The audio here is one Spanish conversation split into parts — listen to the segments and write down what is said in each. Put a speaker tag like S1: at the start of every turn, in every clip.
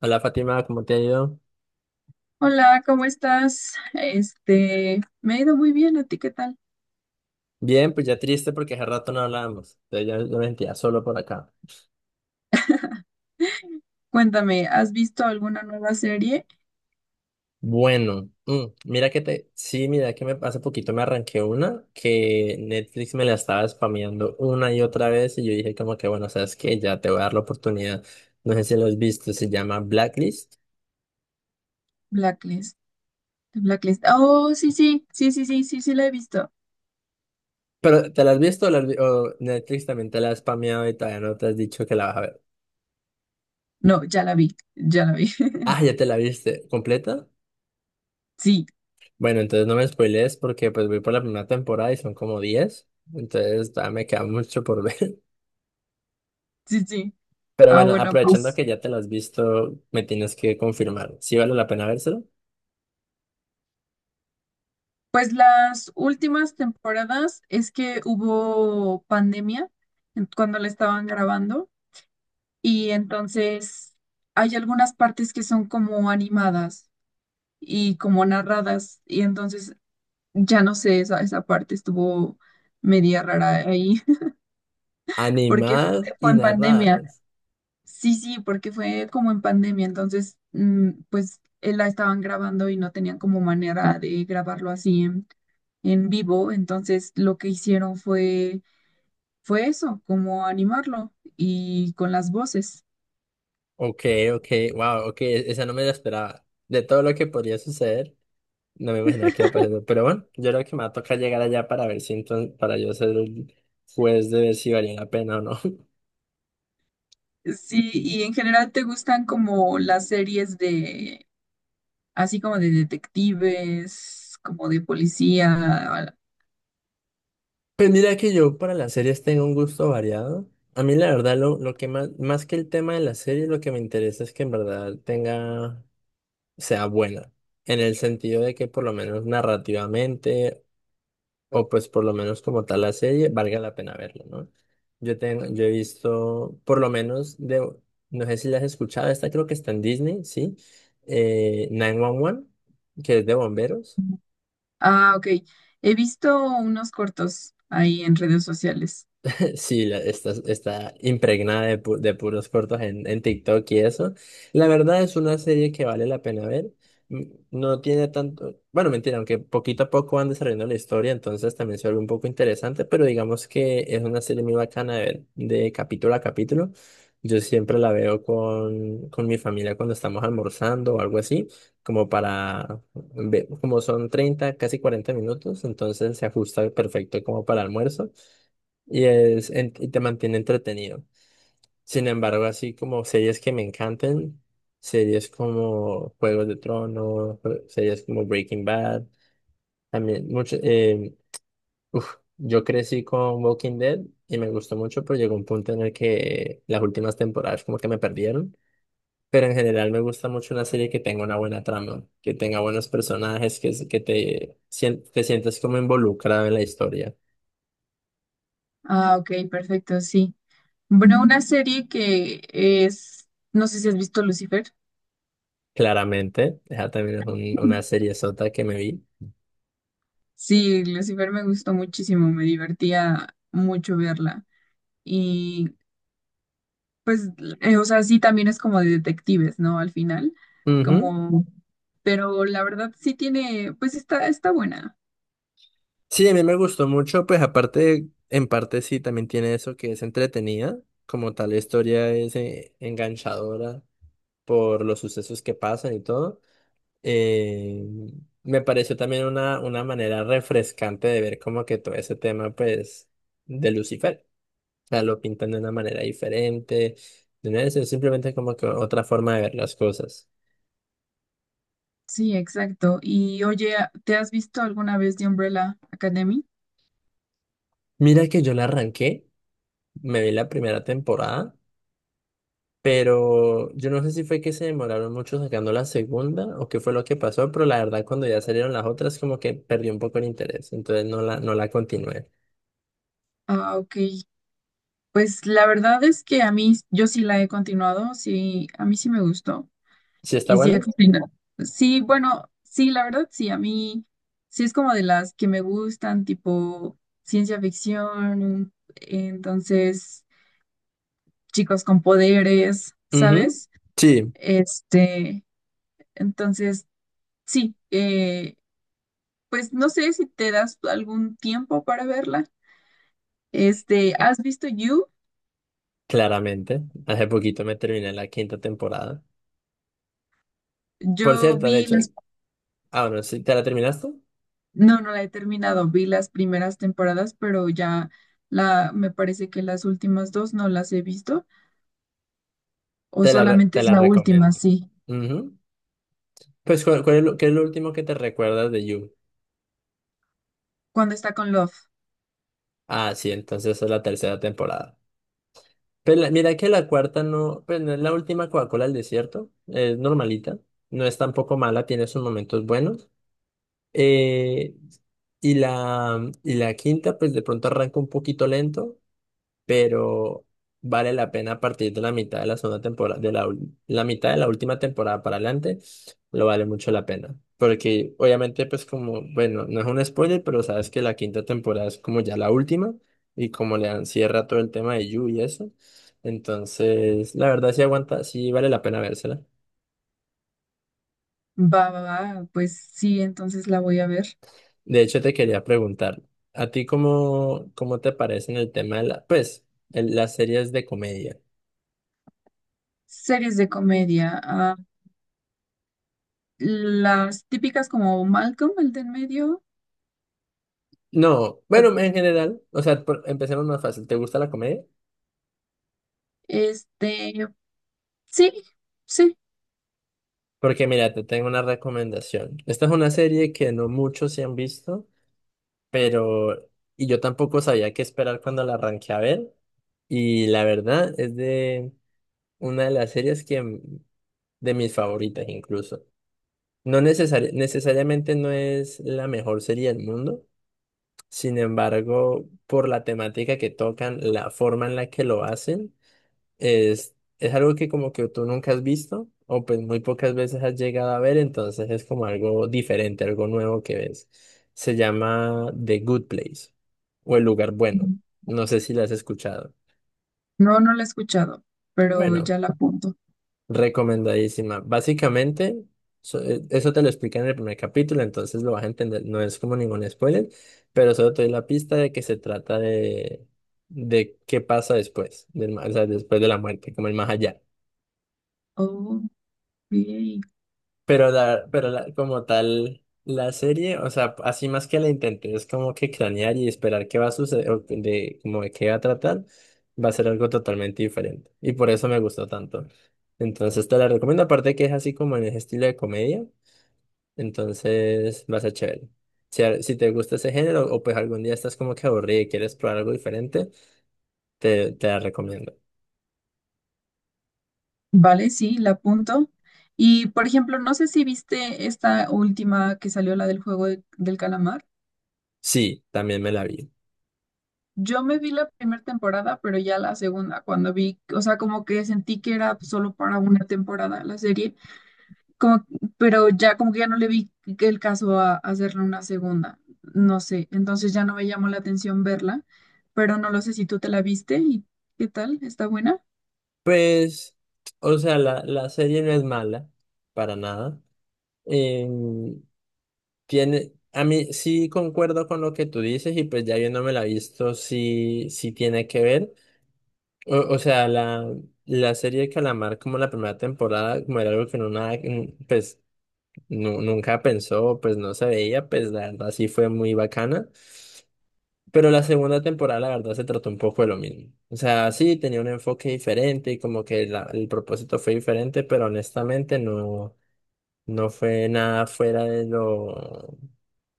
S1: Hola Fátima, ¿cómo te ha ido?
S2: Hola, ¿cómo estás? Este, me ha ido muy bien, ¿a ti qué tal?
S1: Bien, pues ya triste porque hace rato no hablábamos. Entonces ya yo me sentía solo por acá.
S2: Cuéntame, ¿has visto alguna nueva serie?
S1: Bueno, mira que te. Sí, mira que me hace poquito me arranqué una que Netflix me la estaba spameando una y otra vez. Y yo dije, como que bueno, sabes que ya te voy a dar la oportunidad. No sé si lo has visto, se llama Blacklist.
S2: Blacklist. Blacklist. Oh, sí, sí, sí, sí, sí, sí, sí la he visto.
S1: Pero ¿te la has visto o, o Netflix también te la ha spameado y todavía no te has dicho que la vas a ver?
S2: No, ya la vi, ya la vi.
S1: Ah, ya te la viste completa.
S2: Sí,
S1: Bueno, entonces no me spoilees porque pues voy por la primera temporada y son como diez, entonces todavía me queda mucho por ver.
S2: sí, sí.
S1: Pero
S2: Ah,
S1: bueno,
S2: bueno,
S1: aprovechando
S2: pues,
S1: que ya te las has visto, me tienes que confirmar. ¿Sí vale la pena vérselo?
S2: pues las últimas temporadas es que hubo pandemia cuando la estaban grabando y entonces hay algunas partes que son como animadas y como narradas. Y entonces, ya no sé, esa parte estuvo media rara ahí. Porque fue,
S1: Animadas
S2: fue
S1: y
S2: en pandemia.
S1: narradas.
S2: Sí, sí, porque fue como en pandemia. Entonces, pues la estaban grabando y no tenían como manera de grabarlo así en vivo. Entonces, lo que hicieron fue, fue eso, como animarlo y con las voces.
S1: Ok, ok, wow, ok, esa no me la esperaba. De todo lo que podría suceder, no me imaginaba que iba a pasar eso. Pero bueno, yo creo que me va a tocar llegar allá para ver si entonces, para yo ser el juez de ver si valía la pena o no.
S2: Sí, y en general te gustan como las series de así como de detectives, como de policía.
S1: Pues mira que yo para las series tengo un gusto variado. A mí la verdad lo que más, más que el tema de la serie, lo que me interesa es que en verdad tenga, sea buena. En el sentido de que por lo menos narrativamente, o pues por lo menos como tal la serie, valga la pena verla, ¿no? Yo he visto, por lo menos de, no sé si la has escuchado, esta creo que está en Disney, ¿sí? 911, que es de bomberos.
S2: Ah, ok. He visto unos cortos ahí en redes sociales.
S1: Sí, está, está impregnada de, de puros cortos en TikTok y eso. La verdad es una serie que vale la pena ver. No tiene tanto, bueno, mentira, aunque poquito a poco van desarrollando la historia, entonces también se vuelve un poco interesante, pero digamos que es una serie muy bacana de ver de capítulo a capítulo. Yo siempre la veo con mi familia cuando estamos almorzando o algo así, como para, como son 30, casi 40 minutos, entonces se ajusta perfecto como para almuerzo y, es, y te mantiene entretenido. Sin embargo, así como series que me encantan, series como Juegos de Tronos, series como Breaking Bad, también mucho, yo crecí con Walking Dead y me gustó mucho, pero llegó un punto en el que las últimas temporadas como que me perdieron. Pero en general me gusta mucho una serie que tenga una buena trama, que tenga buenos personajes, que, que te, te sientas como involucrado en la historia.
S2: Ah, ok, perfecto, sí. Bueno, una serie que es, no sé si has visto Lucifer.
S1: Claramente, esa también es una serie sota que me vi.
S2: Sí, Lucifer me gustó muchísimo, me divertía mucho verla. Y pues, o sea, sí también es como de detectives, ¿no? Al final,
S1: Ujú.
S2: como, pero la verdad sí tiene, pues está, está buena.
S1: Sí, a mí me gustó mucho, pues aparte, en parte sí, también tiene eso que es entretenida, como tal la historia es enganchadora por los sucesos que pasan y todo. Eh, me pareció también una manera refrescante de ver como que todo ese tema, pues, de Lucifer. O sea, lo pintan de una manera diferente, de una vez, es simplemente como que otra forma de ver las cosas.
S2: Sí, exacto. Y oye, ¿te has visto alguna vez de Umbrella Academy?
S1: Mira que yo la arranqué, me vi la primera temporada. Pero yo no sé si fue que se demoraron mucho sacando la segunda o qué fue lo que pasó, pero la verdad cuando ya salieron las otras como que perdí un poco el interés, entonces no la continué.
S2: Ah, ok. Pues la verdad es que a mí, yo sí la he continuado, sí, a mí sí me gustó.
S1: ¿Sí está
S2: Y sí, he
S1: bueno?
S2: continuado. Sí, bueno, sí, la verdad sí, a mí sí es como de las que me gustan, tipo ciencia ficción, entonces chicos con poderes,
S1: Ujú.
S2: ¿sabes?
S1: Sí,
S2: Este, entonces sí, pues no sé si te das algún tiempo para verla. Este, ¿has visto You?
S1: claramente. Hace poquito me terminé la quinta temporada. Por
S2: Yo
S1: cierto, de
S2: vi
S1: hecho,
S2: las,
S1: ah, bueno, si te la terminaste,
S2: no, no la he terminado, vi las primeras temporadas, pero ya la, me parece que las últimas dos no las he visto, o solamente
S1: te
S2: es
S1: la
S2: la última,
S1: recomiendo.
S2: sí.
S1: Ujú. Pues, ¿cuál es lo, qué es lo último que te recuerdas de You?
S2: Cuando está con Love,
S1: Ah, sí, entonces es la tercera temporada. Pero mira que la cuarta no, pues no es la última Coca-Cola del desierto, es normalita, no es tampoco mala, tiene sus momentos buenos. Eh, y la quinta, pues de pronto arranca un poquito lento, pero vale la pena a partir de la mitad de la segunda temporada, la mitad de la última temporada para adelante, lo vale mucho la pena. Porque obviamente, pues como, bueno, no es un spoiler, pero sabes que la quinta temporada es como ya la última y como le dan cierre a todo el tema de Yu y eso. Entonces, la verdad sí aguanta, sí vale la pena vérsela.
S2: va, va, va, pues sí, entonces la voy a ver.
S1: De hecho, te quería preguntar, ¿a ti cómo te parece en el tema de la, pues, las series de comedia?
S2: Series de comedia, ah, las típicas como Malcolm, el de en medio,
S1: No,
S2: ah,
S1: bueno, en general, o sea, empecemos más fácil. ¿Te gusta la comedia?
S2: este, sí, sí.
S1: Porque mira, te tengo una recomendación. Esta es una serie que no muchos se han visto, pero... Y yo tampoco sabía qué esperar cuando la arranqué a ver. Y la verdad es de una de las series que de mis favoritas incluso. Necesariamente no es la mejor serie del mundo. Sin embargo, por la temática que tocan, la forma en la que lo hacen. Es algo que como que tú nunca has visto o pues muy pocas veces has llegado a ver, entonces es como algo diferente, algo nuevo que ves. Se llama The Good Place o El Lugar Bueno. No sé si la has escuchado.
S2: No, no la he escuchado, pero
S1: Bueno,
S2: ya la apunto.
S1: recomendadísima. Básicamente, eso te lo explica en el primer capítulo, entonces lo vas a entender. No es como ningún spoiler, pero solo te doy la pista de que se trata de qué pasa después, o sea, después de la muerte, como el más allá.
S2: Ok.
S1: Como tal, la serie, o sea, así más que la intenté, es como que cranear y esperar qué va a suceder, o de, como de qué va a tratar, va a ser algo totalmente diferente. Y por eso me gustó tanto. Entonces te la recomiendo, aparte que es así como en ese estilo de comedia, entonces va a ser chévere. Si, si te gusta ese género, o pues algún día estás como que aburrido y quieres probar algo diferente, te la recomiendo.
S2: Vale, sí, la apunto. Y por ejemplo, no sé si viste esta última que salió, la del del calamar.
S1: Sí, también me la vi.
S2: Yo me vi la primera temporada, pero ya la segunda, cuando vi, o sea, como que sentí que era solo para una temporada la serie, como, pero ya como que ya no le vi el caso a hacerle una segunda, no sé, entonces ya no me llamó la atención verla, pero no lo sé si tú te la viste y qué tal, ¿está buena?
S1: Pues, o sea, la serie no es mala, para nada. em, tiene, a mí sí concuerdo con lo que tú dices y pues ya yo no me la he visto, sí, sí tiene que ver. O, o sea, la, la serie de Calamar como la primera temporada, como era algo que no nada, pues nunca pensó, pues no se veía, pues la verdad sí fue muy bacana. Pero la segunda temporada la verdad se trató un poco de lo mismo. O sea, sí tenía un enfoque diferente y como que el propósito fue diferente, pero honestamente no. No fue nada fuera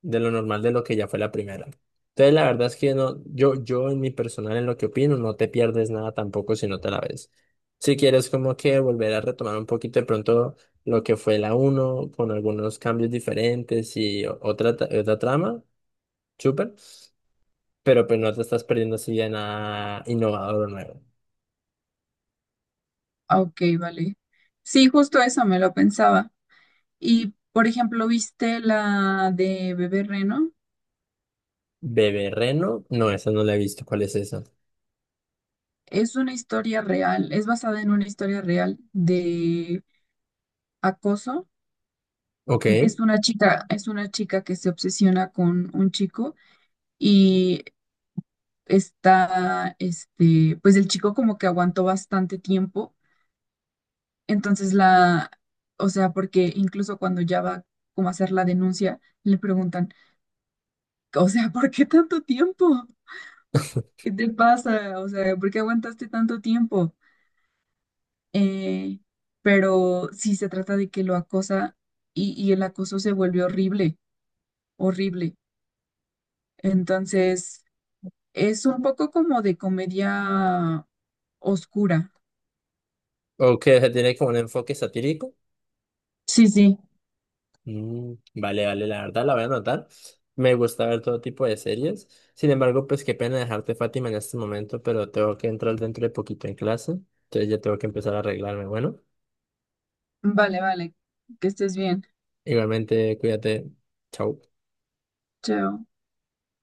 S1: de lo normal de lo que ya fue la primera. Entonces, la verdad es que no, yo en mi personal, en lo que opino, no te pierdes nada tampoco si no te la ves. Si quieres como que volver a retomar un poquito de pronto lo que fue la uno con algunos cambios diferentes y otra trama, súper, pero pues no te estás perdiendo así de nada innovador o nuevo.
S2: Ah, ok, vale. Sí, justo eso me lo pensaba. Y, por ejemplo, ¿viste la de Bebé Reno?
S1: Bebé Reno, no, esa no la he visto, ¿cuál es esa?
S2: Es una historia real, es basada en una historia real de acoso.
S1: Ok,
S2: Es una chica que se obsesiona con un chico y está, este, pues el chico como que aguantó bastante tiempo. Entonces la, o sea, porque incluso cuando ya va como a hacer la denuncia, le preguntan, o sea, ¿por qué tanto tiempo? ¿Qué te pasa? O sea, ¿por qué aguantaste tanto tiempo? eh, pero sí se trata de que lo acosa y el acoso se vuelve horrible, horrible. Entonces, es un poco como de comedia oscura.
S1: ok, tiene como un enfoque satírico.
S2: Sí, sí,
S1: Mm, vale, vale, la verdad la voy a anotar. Me gusta ver todo tipo de series. Sin embargo, pues qué pena dejarte, Fátima, en este momento, pero tengo que entrar dentro de poquito en clase. Entonces ya tengo que empezar a arreglarme. Bueno,
S2: vale, vale, que estés bien.
S1: igualmente, cuídate. Chao.
S2: Chao.